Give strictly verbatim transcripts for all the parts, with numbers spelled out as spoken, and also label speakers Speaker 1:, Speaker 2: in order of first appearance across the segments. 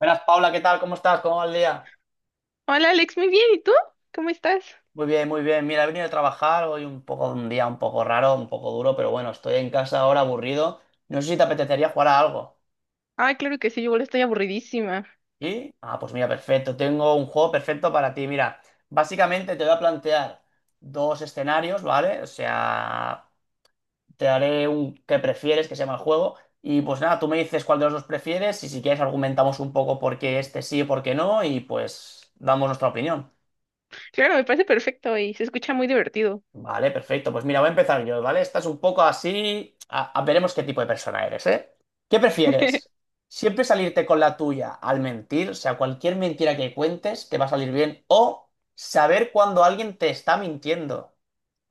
Speaker 1: Buenas, Paula, ¿qué tal? ¿Cómo estás? ¿Cómo va el día?
Speaker 2: Hola Alex, muy bien, ¿y tú? ¿Cómo estás?
Speaker 1: Muy bien, muy bien. Mira, he venido a trabajar hoy un poco, un día un poco raro, un poco duro, pero bueno, estoy en casa ahora aburrido. No sé si te apetecería jugar a algo.
Speaker 2: Ay, claro que sí, yo igual estoy aburridísima.
Speaker 1: ¿Y? Ah, pues mira, perfecto. Tengo un juego perfecto para ti. Mira, básicamente te voy a plantear dos escenarios, ¿vale? O sea, te haré un que prefieres, que se llama el juego. Y pues nada, tú me dices cuál de los dos prefieres y si quieres argumentamos un poco por qué este sí y por qué no y pues damos nuestra opinión.
Speaker 2: Claro, me parece perfecto y se escucha muy divertido.
Speaker 1: Vale, perfecto. Pues mira, voy a empezar yo, ¿vale? Esta es un poco así. A- a- veremos qué tipo de persona eres, ¿eh? ¿Qué prefieres? ¿Siempre salirte con la tuya al mentir? O sea, cualquier mentira que cuentes te va a salir bien. O saber cuando alguien te está mintiendo.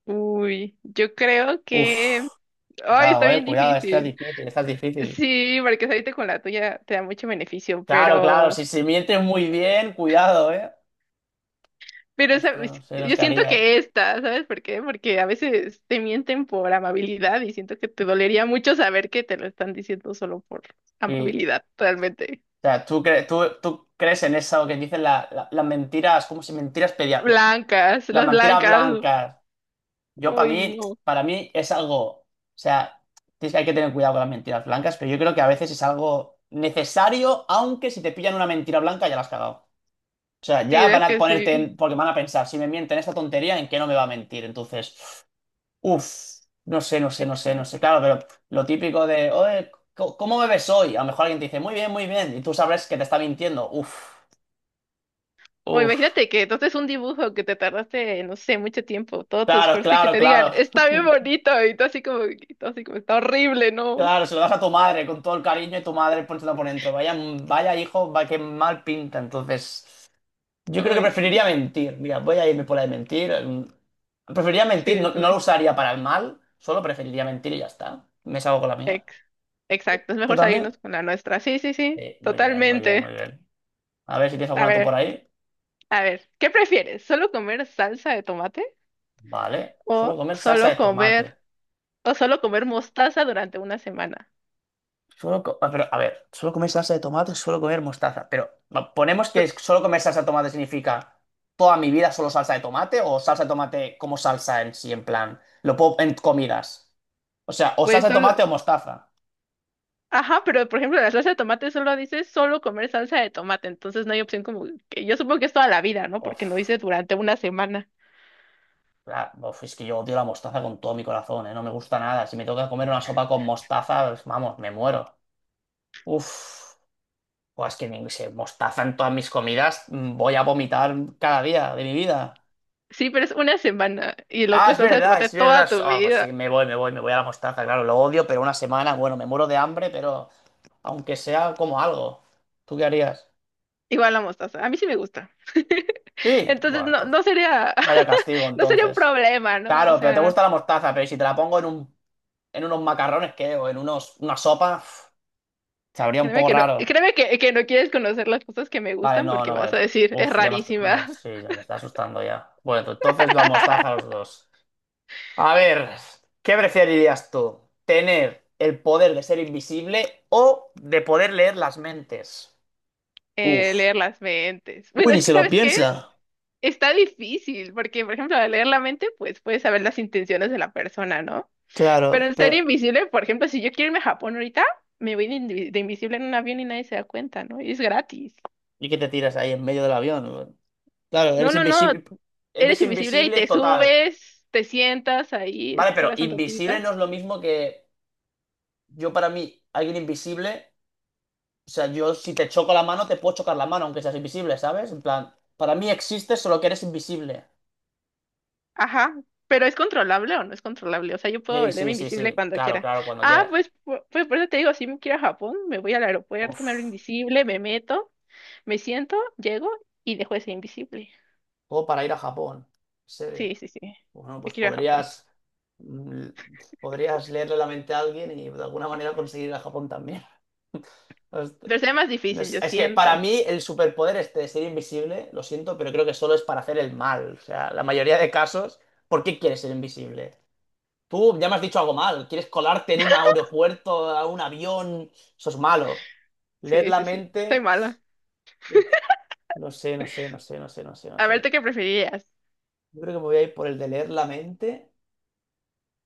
Speaker 2: Uy, yo creo que...
Speaker 1: Uf,
Speaker 2: Ay, está
Speaker 1: cuidado, eh,
Speaker 2: bien
Speaker 1: cuidado, esta es
Speaker 2: difícil.
Speaker 1: difícil, esta es difícil.
Speaker 2: Sí, porque salirte con la tuya te da mucho beneficio,
Speaker 1: Claro, claro,
Speaker 2: pero...
Speaker 1: si se miente muy bien, cuidado, eh.
Speaker 2: Pero
Speaker 1: Ostras, no
Speaker 2: ¿sabes?
Speaker 1: sé, nos
Speaker 2: Yo siento
Speaker 1: caería.
Speaker 2: que esta, ¿sabes por qué? Porque a veces te mienten por amabilidad y siento que te dolería mucho saber que te lo están diciendo solo por
Speaker 1: Sí.
Speaker 2: amabilidad, realmente.
Speaker 1: O sea, ¿tú, cre- tú, tú crees en eso que dicen la- la- las mentiras, como si mentiras pedia-
Speaker 2: Blancas,
Speaker 1: la
Speaker 2: las
Speaker 1: mentira
Speaker 2: blancas.
Speaker 1: blanca, yo para
Speaker 2: Uy,
Speaker 1: mí,
Speaker 2: no.
Speaker 1: para mí es algo, o sea, tienes que hay que tener cuidado con las mentiras blancas, pero yo creo que a veces es algo necesario, aunque si te pillan una mentira blanca ya la has cagado. O sea,
Speaker 2: Sí,
Speaker 1: ya van
Speaker 2: es
Speaker 1: a
Speaker 2: que
Speaker 1: ponerte, en-
Speaker 2: sí,
Speaker 1: porque van a pensar, si me mienten esta tontería, ¿en qué no me va a mentir? Entonces, uff, no sé, no sé, no sé, no sé.
Speaker 2: exacto.
Speaker 1: Claro, pero lo típico de, oye, co- ¿cómo bebes hoy? A lo mejor alguien te dice, muy bien, muy bien, y tú sabes que te está mintiendo. Uff,
Speaker 2: O
Speaker 1: uff,
Speaker 2: imagínate que entonces un dibujo que te tardaste, no sé, mucho tiempo, todo tu
Speaker 1: claro,
Speaker 2: esfuerzo y que
Speaker 1: claro,
Speaker 2: te digan,
Speaker 1: claro.
Speaker 2: está bien bonito, y tú así como, y tú así como, está horrible, ¿no?
Speaker 1: Claro, se lo das a tu madre con todo el cariño y tu madre poniéndolo por dentro. Vaya, vaya hijo, va que mal pinta. Entonces, yo creo que
Speaker 2: Ay, sí, no.
Speaker 1: preferiría mentir. Mira, voy a irme por la de mentir. Mm, Preferiría
Speaker 2: Sí,
Speaker 1: mentir,
Speaker 2: yo
Speaker 1: no, no lo
Speaker 2: también.
Speaker 1: usaría para el mal, solo preferiría mentir y ya está. Me salgo con la mía.
Speaker 2: Ex- exacto, es
Speaker 1: ¿Tú
Speaker 2: mejor
Speaker 1: también?
Speaker 2: salirnos con la nuestra. Sí, sí, sí,
Speaker 1: Sí, muy bien, muy bien, muy
Speaker 2: totalmente.
Speaker 1: bien. A ver si tienes
Speaker 2: A
Speaker 1: alguna tú por
Speaker 2: ver,
Speaker 1: ahí.
Speaker 2: a ver, ¿qué prefieres? ¿Solo comer salsa de tomate
Speaker 1: Vale,
Speaker 2: o
Speaker 1: solo comer salsa
Speaker 2: solo
Speaker 1: de
Speaker 2: comer,
Speaker 1: tomate.
Speaker 2: o solo comer mostaza durante una semana?
Speaker 1: Solo co- ah, pero, a ver, solo comer salsa de tomate, solo comer mostaza. Pero va, ponemos que es- solo comer salsa de tomate significa toda mi vida solo salsa de tomate o salsa de tomate como salsa en sí, en plan, lo puedo en comidas. O sea, o
Speaker 2: Pues
Speaker 1: salsa de
Speaker 2: solo,
Speaker 1: tomate o mostaza.
Speaker 2: ajá, pero por ejemplo, la salsa de tomate solo dice solo comer salsa de tomate, entonces no hay opción como que yo supongo que es toda la vida, ¿no? Porque no
Speaker 1: Uf,
Speaker 2: dice durante una semana.
Speaker 1: la- uf, es que yo odio la mostaza con todo mi corazón, ¿eh? No me gusta nada. Si me toca comer una sopa con mostaza, pues, vamos, me muero. Uf, pues es que ni- si mostaza en todas mis comidas, mm, voy a vomitar cada día de mi vida.
Speaker 2: Sí, pero es una semana y el
Speaker 1: Ah,
Speaker 2: otro es
Speaker 1: es
Speaker 2: salsa de
Speaker 1: verdad,
Speaker 2: tomate
Speaker 1: es verdad.
Speaker 2: toda
Speaker 1: So,
Speaker 2: tu
Speaker 1: Ah, pues
Speaker 2: vida.
Speaker 1: sí, me voy, me voy, me voy a la mostaza, claro, lo odio, pero una semana, bueno, me muero de hambre, pero aunque sea como algo. ¿Tú qué harías?
Speaker 2: Igual la mostaza. A mí sí me gusta.
Speaker 1: Sí,
Speaker 2: Entonces
Speaker 1: bueno,
Speaker 2: no,
Speaker 1: entonces,
Speaker 2: no sería,
Speaker 1: vaya castigo
Speaker 2: no sería un
Speaker 1: entonces.
Speaker 2: problema, ¿no? O
Speaker 1: Claro, pero te
Speaker 2: sea,
Speaker 1: gusta la mostaza, pero si te la pongo en un, en unos macarrones, ¿qué? O en unos, una sopa, uf, sabría un
Speaker 2: créeme
Speaker 1: poco
Speaker 2: que no,
Speaker 1: raro.
Speaker 2: créeme que, que no quieres conocer las cosas que me
Speaker 1: Vale,
Speaker 2: gustan
Speaker 1: no,
Speaker 2: porque
Speaker 1: no, vale.
Speaker 2: vas a
Speaker 1: pero-
Speaker 2: decir, es
Speaker 1: Uf, ya me, est- me-
Speaker 2: rarísima.
Speaker 1: sí, ya me está asustando ya. Bueno, entonces la mostaza a los dos. A ver, ¿qué preferirías tú? ¿Tener el poder de ser invisible o de poder leer las mentes?
Speaker 2: Eh,
Speaker 1: Uf.
Speaker 2: leer las mentes.
Speaker 1: Uy,
Speaker 2: Bueno,
Speaker 1: ni
Speaker 2: es
Speaker 1: se
Speaker 2: que
Speaker 1: lo
Speaker 2: ¿sabes qué?
Speaker 1: piensa.
Speaker 2: Está difícil, porque, por ejemplo, al leer la mente, pues puedes saber las intenciones de la persona, ¿no? Pero
Speaker 1: Claro,
Speaker 2: en ser
Speaker 1: pero...
Speaker 2: invisible, por ejemplo, si yo quiero irme a Japón ahorita, me voy de, invi- de invisible en un avión y nadie se da cuenta, ¿no? Y es gratis.
Speaker 1: ¿Y qué te tiras ahí en medio del avión? Claro,
Speaker 2: No,
Speaker 1: eres
Speaker 2: no, no,
Speaker 1: invisible.
Speaker 2: eres
Speaker 1: Eres
Speaker 2: invisible y
Speaker 1: invisible
Speaker 2: te
Speaker 1: total.
Speaker 2: subes, te sientas ahí,
Speaker 1: Vale, pero
Speaker 2: esperas un
Speaker 1: invisible
Speaker 2: ratito.
Speaker 1: no es lo mismo que yo para mí, alguien invisible. O sea, yo si te choco la mano, te puedo chocar la mano, aunque seas invisible, ¿sabes? En plan, para mí existe solo que eres invisible.
Speaker 2: Ajá, pero ¿es controlable o no es controlable? O sea, yo puedo
Speaker 1: Sí,
Speaker 2: volverme
Speaker 1: sí, sí,
Speaker 2: invisible
Speaker 1: sí.
Speaker 2: cuando
Speaker 1: Claro,
Speaker 2: quiera.
Speaker 1: claro, cuando
Speaker 2: Ah,
Speaker 1: quieras.
Speaker 2: pues, pu- pues por eso te digo, si me quiero a Japón, me voy al aeropuerto, me hago
Speaker 1: Uf.
Speaker 2: invisible, me meto, me siento, llego y dejo de ser invisible.
Speaker 1: O para ir a Japón. Sí.
Speaker 2: Sí, sí, sí.
Speaker 1: Bueno,
Speaker 2: Yo
Speaker 1: pues
Speaker 2: quiero ir a Japón.
Speaker 1: podrías, mm, podrías leerle la mente a alguien y de alguna manera conseguir ir a Japón también. Host-
Speaker 2: Pero sería más
Speaker 1: no
Speaker 2: difícil,
Speaker 1: sé,
Speaker 2: yo
Speaker 1: es que
Speaker 2: siento.
Speaker 1: para mí el superpoder este de ser invisible, lo siento, pero creo que solo es para hacer el mal. O sea, la mayoría de casos, ¿por qué quieres ser invisible? Tú ya me has dicho algo mal. ¿Quieres colarte en un aeropuerto, a un avión? Eso es malo. Leer
Speaker 2: Sí,
Speaker 1: la
Speaker 2: sí, sí. Soy
Speaker 1: mente.
Speaker 2: mala.
Speaker 1: Uf, no sé, no sé, no sé, no sé, no sé, no
Speaker 2: A
Speaker 1: sé.
Speaker 2: ver, ¿tú qué preferirías?
Speaker 1: Yo creo que me voy a ir por el de leer la mente.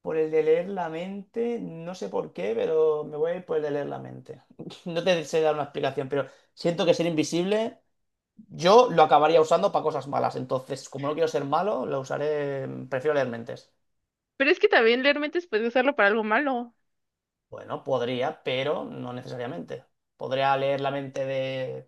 Speaker 1: Por el de leer la mente, no sé por qué, pero me voy a ir por el de leer la mente. No te sé dar una explicación, pero siento que ser invisible yo lo acabaría usando para cosas malas. Entonces, como no quiero ser malo, lo usaré, mm, prefiero leer mentes.
Speaker 2: Pero es que también leer mentes puedes usarlo para algo malo.
Speaker 1: Bueno, podría, pero no necesariamente. Podría leer la mente de...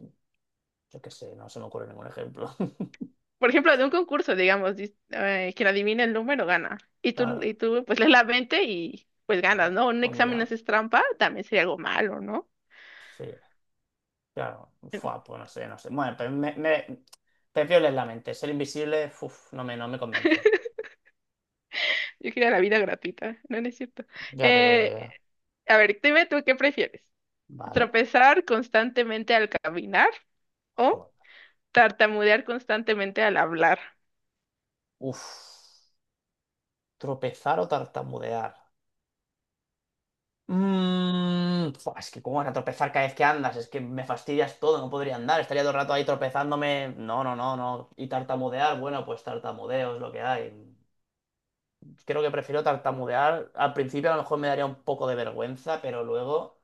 Speaker 1: Yo qué sé, no se me ocurre ningún ejemplo.
Speaker 2: Por ejemplo, de un concurso, digamos, dis- eh, quien adivina el número gana. Y tú,
Speaker 1: Claro,
Speaker 2: y tú, pues lees la mente y pues ganas,
Speaker 1: bueno,
Speaker 2: ¿no? Un
Speaker 1: pues
Speaker 2: examen
Speaker 1: mira,
Speaker 2: haces trampa, también sería algo malo, ¿no?
Speaker 1: sí, claro, fua, pues no sé, no sé. Bueno, pero me, me- prefiero leer la mente. Ser invisible, uf, no me, no me convence.
Speaker 2: Yo quiero la vida gratuita. No, no es cierto.
Speaker 1: Ya te veo,
Speaker 2: Eh,
Speaker 1: ya.
Speaker 2: a ver, dime tú qué prefieres.
Speaker 1: Vale.
Speaker 2: ¿Tropezar constantemente al caminar o
Speaker 1: Joder.
Speaker 2: tartamudear constantemente al hablar?
Speaker 1: Uf. Tropezar o tartamudear. Mm, fua, es que cómo vas a tropezar cada vez que andas, es que me fastidias todo, no podría andar, estaría todo el rato ahí tropezándome. No, no, no, no. Y tartamudear, bueno, pues tartamudeo es lo que hay. Creo que prefiero tartamudear. Al principio a lo mejor me daría un poco de vergüenza, pero luego,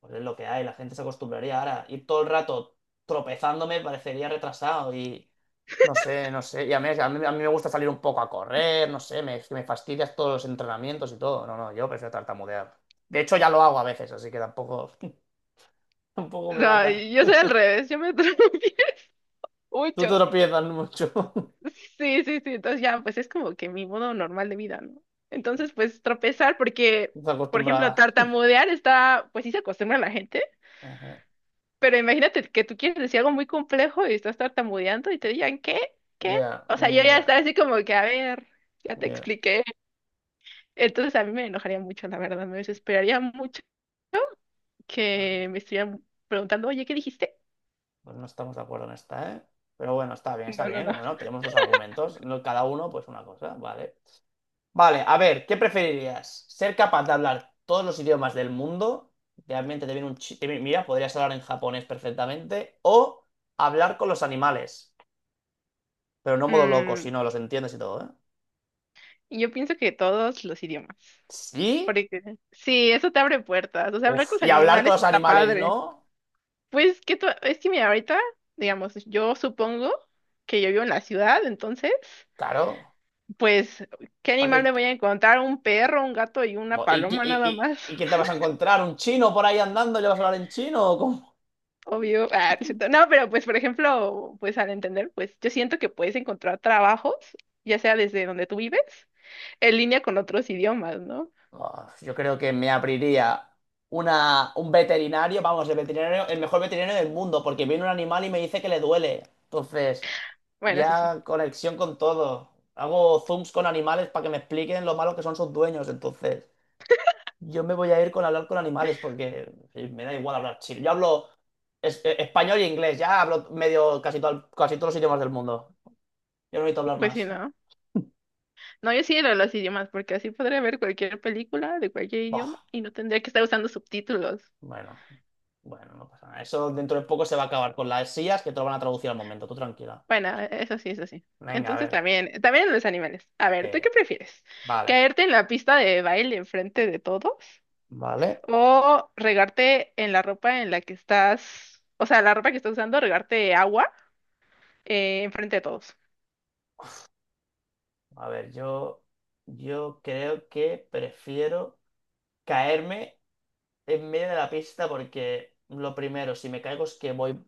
Speaker 1: pues es lo que hay, la gente se acostumbraría. Ahora, ir todo el rato tropezándome parecería retrasado y no sé, no sé. Y a mí, a mí, a mí me gusta salir un poco a correr, no sé, me, me fastidias todos los entrenamientos y todo. No, no, yo prefiero tartamudear. De hecho, ya lo hago a veces, así que tampoco, tampoco me mata.
Speaker 2: Ay, yo soy al revés, yo me atropello
Speaker 1: Tú te
Speaker 2: mucho.
Speaker 1: tropiezas mucho.
Speaker 2: Sí, sí, sí, entonces ya, pues es como que mi modo normal de vida, ¿no? Entonces, pues tropezar, porque,
Speaker 1: Estás
Speaker 2: por ejemplo,
Speaker 1: acostumbrada.
Speaker 2: tartamudear está, pues sí se acostumbra a la gente,
Speaker 1: Ajá.
Speaker 2: pero imagínate que tú quieres decir algo muy complejo y estás tartamudeando y te digan, ¿qué? ¿Qué?
Speaker 1: Ya,
Speaker 2: O sea, yo ya
Speaker 1: ya,
Speaker 2: estaba así como que, a ver, ya te
Speaker 1: ya.
Speaker 2: expliqué. Entonces a mí me enojaría mucho, la verdad, me desesperaría mucho
Speaker 1: Bueno.
Speaker 2: que me estuvieran preguntando, oye, ¿qué dijiste?
Speaker 1: Pues no estamos de acuerdo en esta, ¿eh? Pero bueno, está bien, está
Speaker 2: No, no,
Speaker 1: bien.
Speaker 2: no.
Speaker 1: Bueno, tenemos dos argumentos. no- Cada uno, pues una cosa, vale. Vale, a ver, ¿qué preferirías? ¿Ser capaz de hablar todos los idiomas del mundo? Realmente te viene un chi- Mira, podrías hablar en japonés perfectamente. O hablar con los animales. Pero no modo loco,
Speaker 2: Mm,
Speaker 1: sino los entiendes y todo, ¿eh?
Speaker 2: Yo pienso que todos los idiomas.
Speaker 1: ¿Sí?
Speaker 2: Porque sí, eso te abre puertas. O sea, hablar
Speaker 1: Uf.
Speaker 2: con los
Speaker 1: ¿Y hablar con
Speaker 2: animales
Speaker 1: los
Speaker 2: está
Speaker 1: animales
Speaker 2: padre.
Speaker 1: no?
Speaker 2: Pues que tú- es que mira, ahorita, digamos, yo supongo que yo vivo en la ciudad, entonces,
Speaker 1: Claro.
Speaker 2: pues, ¿qué
Speaker 1: ¿Para
Speaker 2: animal me
Speaker 1: qué?
Speaker 2: voy a encontrar? Un perro, un gato y una
Speaker 1: ¿Y, y,
Speaker 2: paloma
Speaker 1: y,
Speaker 2: nada más.
Speaker 1: y- y qué te vas a encontrar? ¿Un chino por ahí andando y le vas a hablar en chino? ¿O cómo?
Speaker 2: Obvio. Ah, no, es cierto. No, pero pues, por ejemplo, pues al entender, pues yo siento que puedes encontrar trabajos, ya sea desde donde tú vives, en línea con otros idiomas, ¿no?
Speaker 1: Ah, yo creo que me abriría una, un veterinario, vamos, el veterinario, el mejor veterinario del mundo, porque viene un animal y me dice que le duele. Entonces,
Speaker 2: Bueno, eso sí.
Speaker 1: ya conexión con todo. Hago zooms con animales para que me expliquen lo malo que son sus dueños. Entonces, yo me voy a ir con hablar con animales porque sí, me da igual hablar chino. Yo hablo es- eh, español e inglés, ya hablo medio casi, todo, casi todos los idiomas del mundo. Yo no necesito hablar
Speaker 2: Pues sí,
Speaker 1: más.
Speaker 2: ¿no? No, yo sí lo de los idiomas, porque así podría ver cualquier película de cualquier idioma
Speaker 1: Buah.
Speaker 2: y no tendría que estar usando subtítulos.
Speaker 1: Bueno, bueno, no pasa nada. Eso dentro de poco se va a acabar con las sillas que te lo van a traducir al momento. Tú tranquila.
Speaker 2: Bueno, eso sí, eso sí.
Speaker 1: Venga, a
Speaker 2: Entonces
Speaker 1: ver.
Speaker 2: también, también los animales. A ver, ¿tú qué
Speaker 1: eh,
Speaker 2: prefieres?
Speaker 1: vale,
Speaker 2: ¿Caerte en la pista de baile enfrente de todos?
Speaker 1: vale.
Speaker 2: ¿O regarte en la ropa en la que estás, o sea, la ropa que estás usando, regarte agua eh, enfrente de todos?
Speaker 1: A ver, yo, yo creo que prefiero caerme en medio de la pista porque lo primero, si me caigo es que voy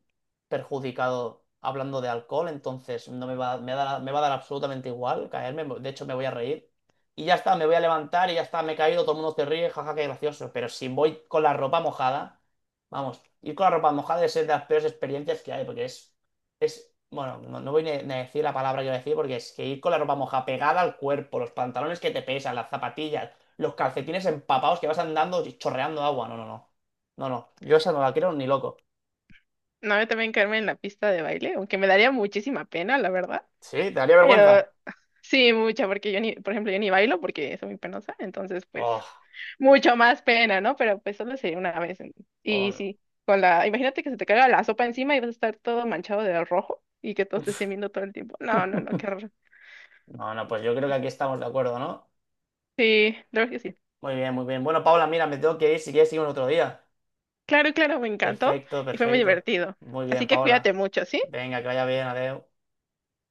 Speaker 1: perjudicado hablando de alcohol, entonces no me va, me da- me va a dar absolutamente igual caerme, de hecho me voy a reír. Y ya está, me voy a levantar y ya está, me he caído, todo el mundo se ríe, jaja, qué gracioso. Pero si voy con la ropa mojada, vamos, ir con la ropa mojada es de las peores experiencias que hay, porque es, es, bueno, no, no voy ni ni a decir la palabra que voy a decir, porque es que ir con la ropa mojada pegada al cuerpo, los pantalones que te pesan, las zapatillas los calcetines empapados que vas andando y chorreando agua. No, no, no. No, no. Yo esa no la quiero ni loco.
Speaker 2: No, yo también caerme en la pista de baile, aunque me daría muchísima pena, la verdad.
Speaker 1: Sí, te daría
Speaker 2: Pero
Speaker 1: vergüenza.
Speaker 2: sí, mucha, porque yo ni, por ejemplo, yo ni bailo porque soy muy penosa, entonces
Speaker 1: Oh,
Speaker 2: pues mucho más pena, ¿no? Pero pues solo sería una vez. en-
Speaker 1: oh,
Speaker 2: Y
Speaker 1: no.
Speaker 2: sí, con la, imagínate que se te caiga la sopa encima y vas a estar todo manchado de rojo y que todos te estén viendo todo el tiempo. No, no, no, qué horror.
Speaker 1: No, no, pues yo creo que aquí estamos de acuerdo, ¿no?
Speaker 2: Sí, la verdad que sí.
Speaker 1: Muy bien, muy bien. Bueno, Paula, mira, me tengo que ir. Si quieres, seguimos otro día.
Speaker 2: Claro, claro, me encantó
Speaker 1: Perfecto,
Speaker 2: y fue muy
Speaker 1: perfecto.
Speaker 2: divertido.
Speaker 1: Muy bien,
Speaker 2: Así que cuídate
Speaker 1: Paula.
Speaker 2: mucho, ¿sí?
Speaker 1: Venga, que vaya bien, adiós.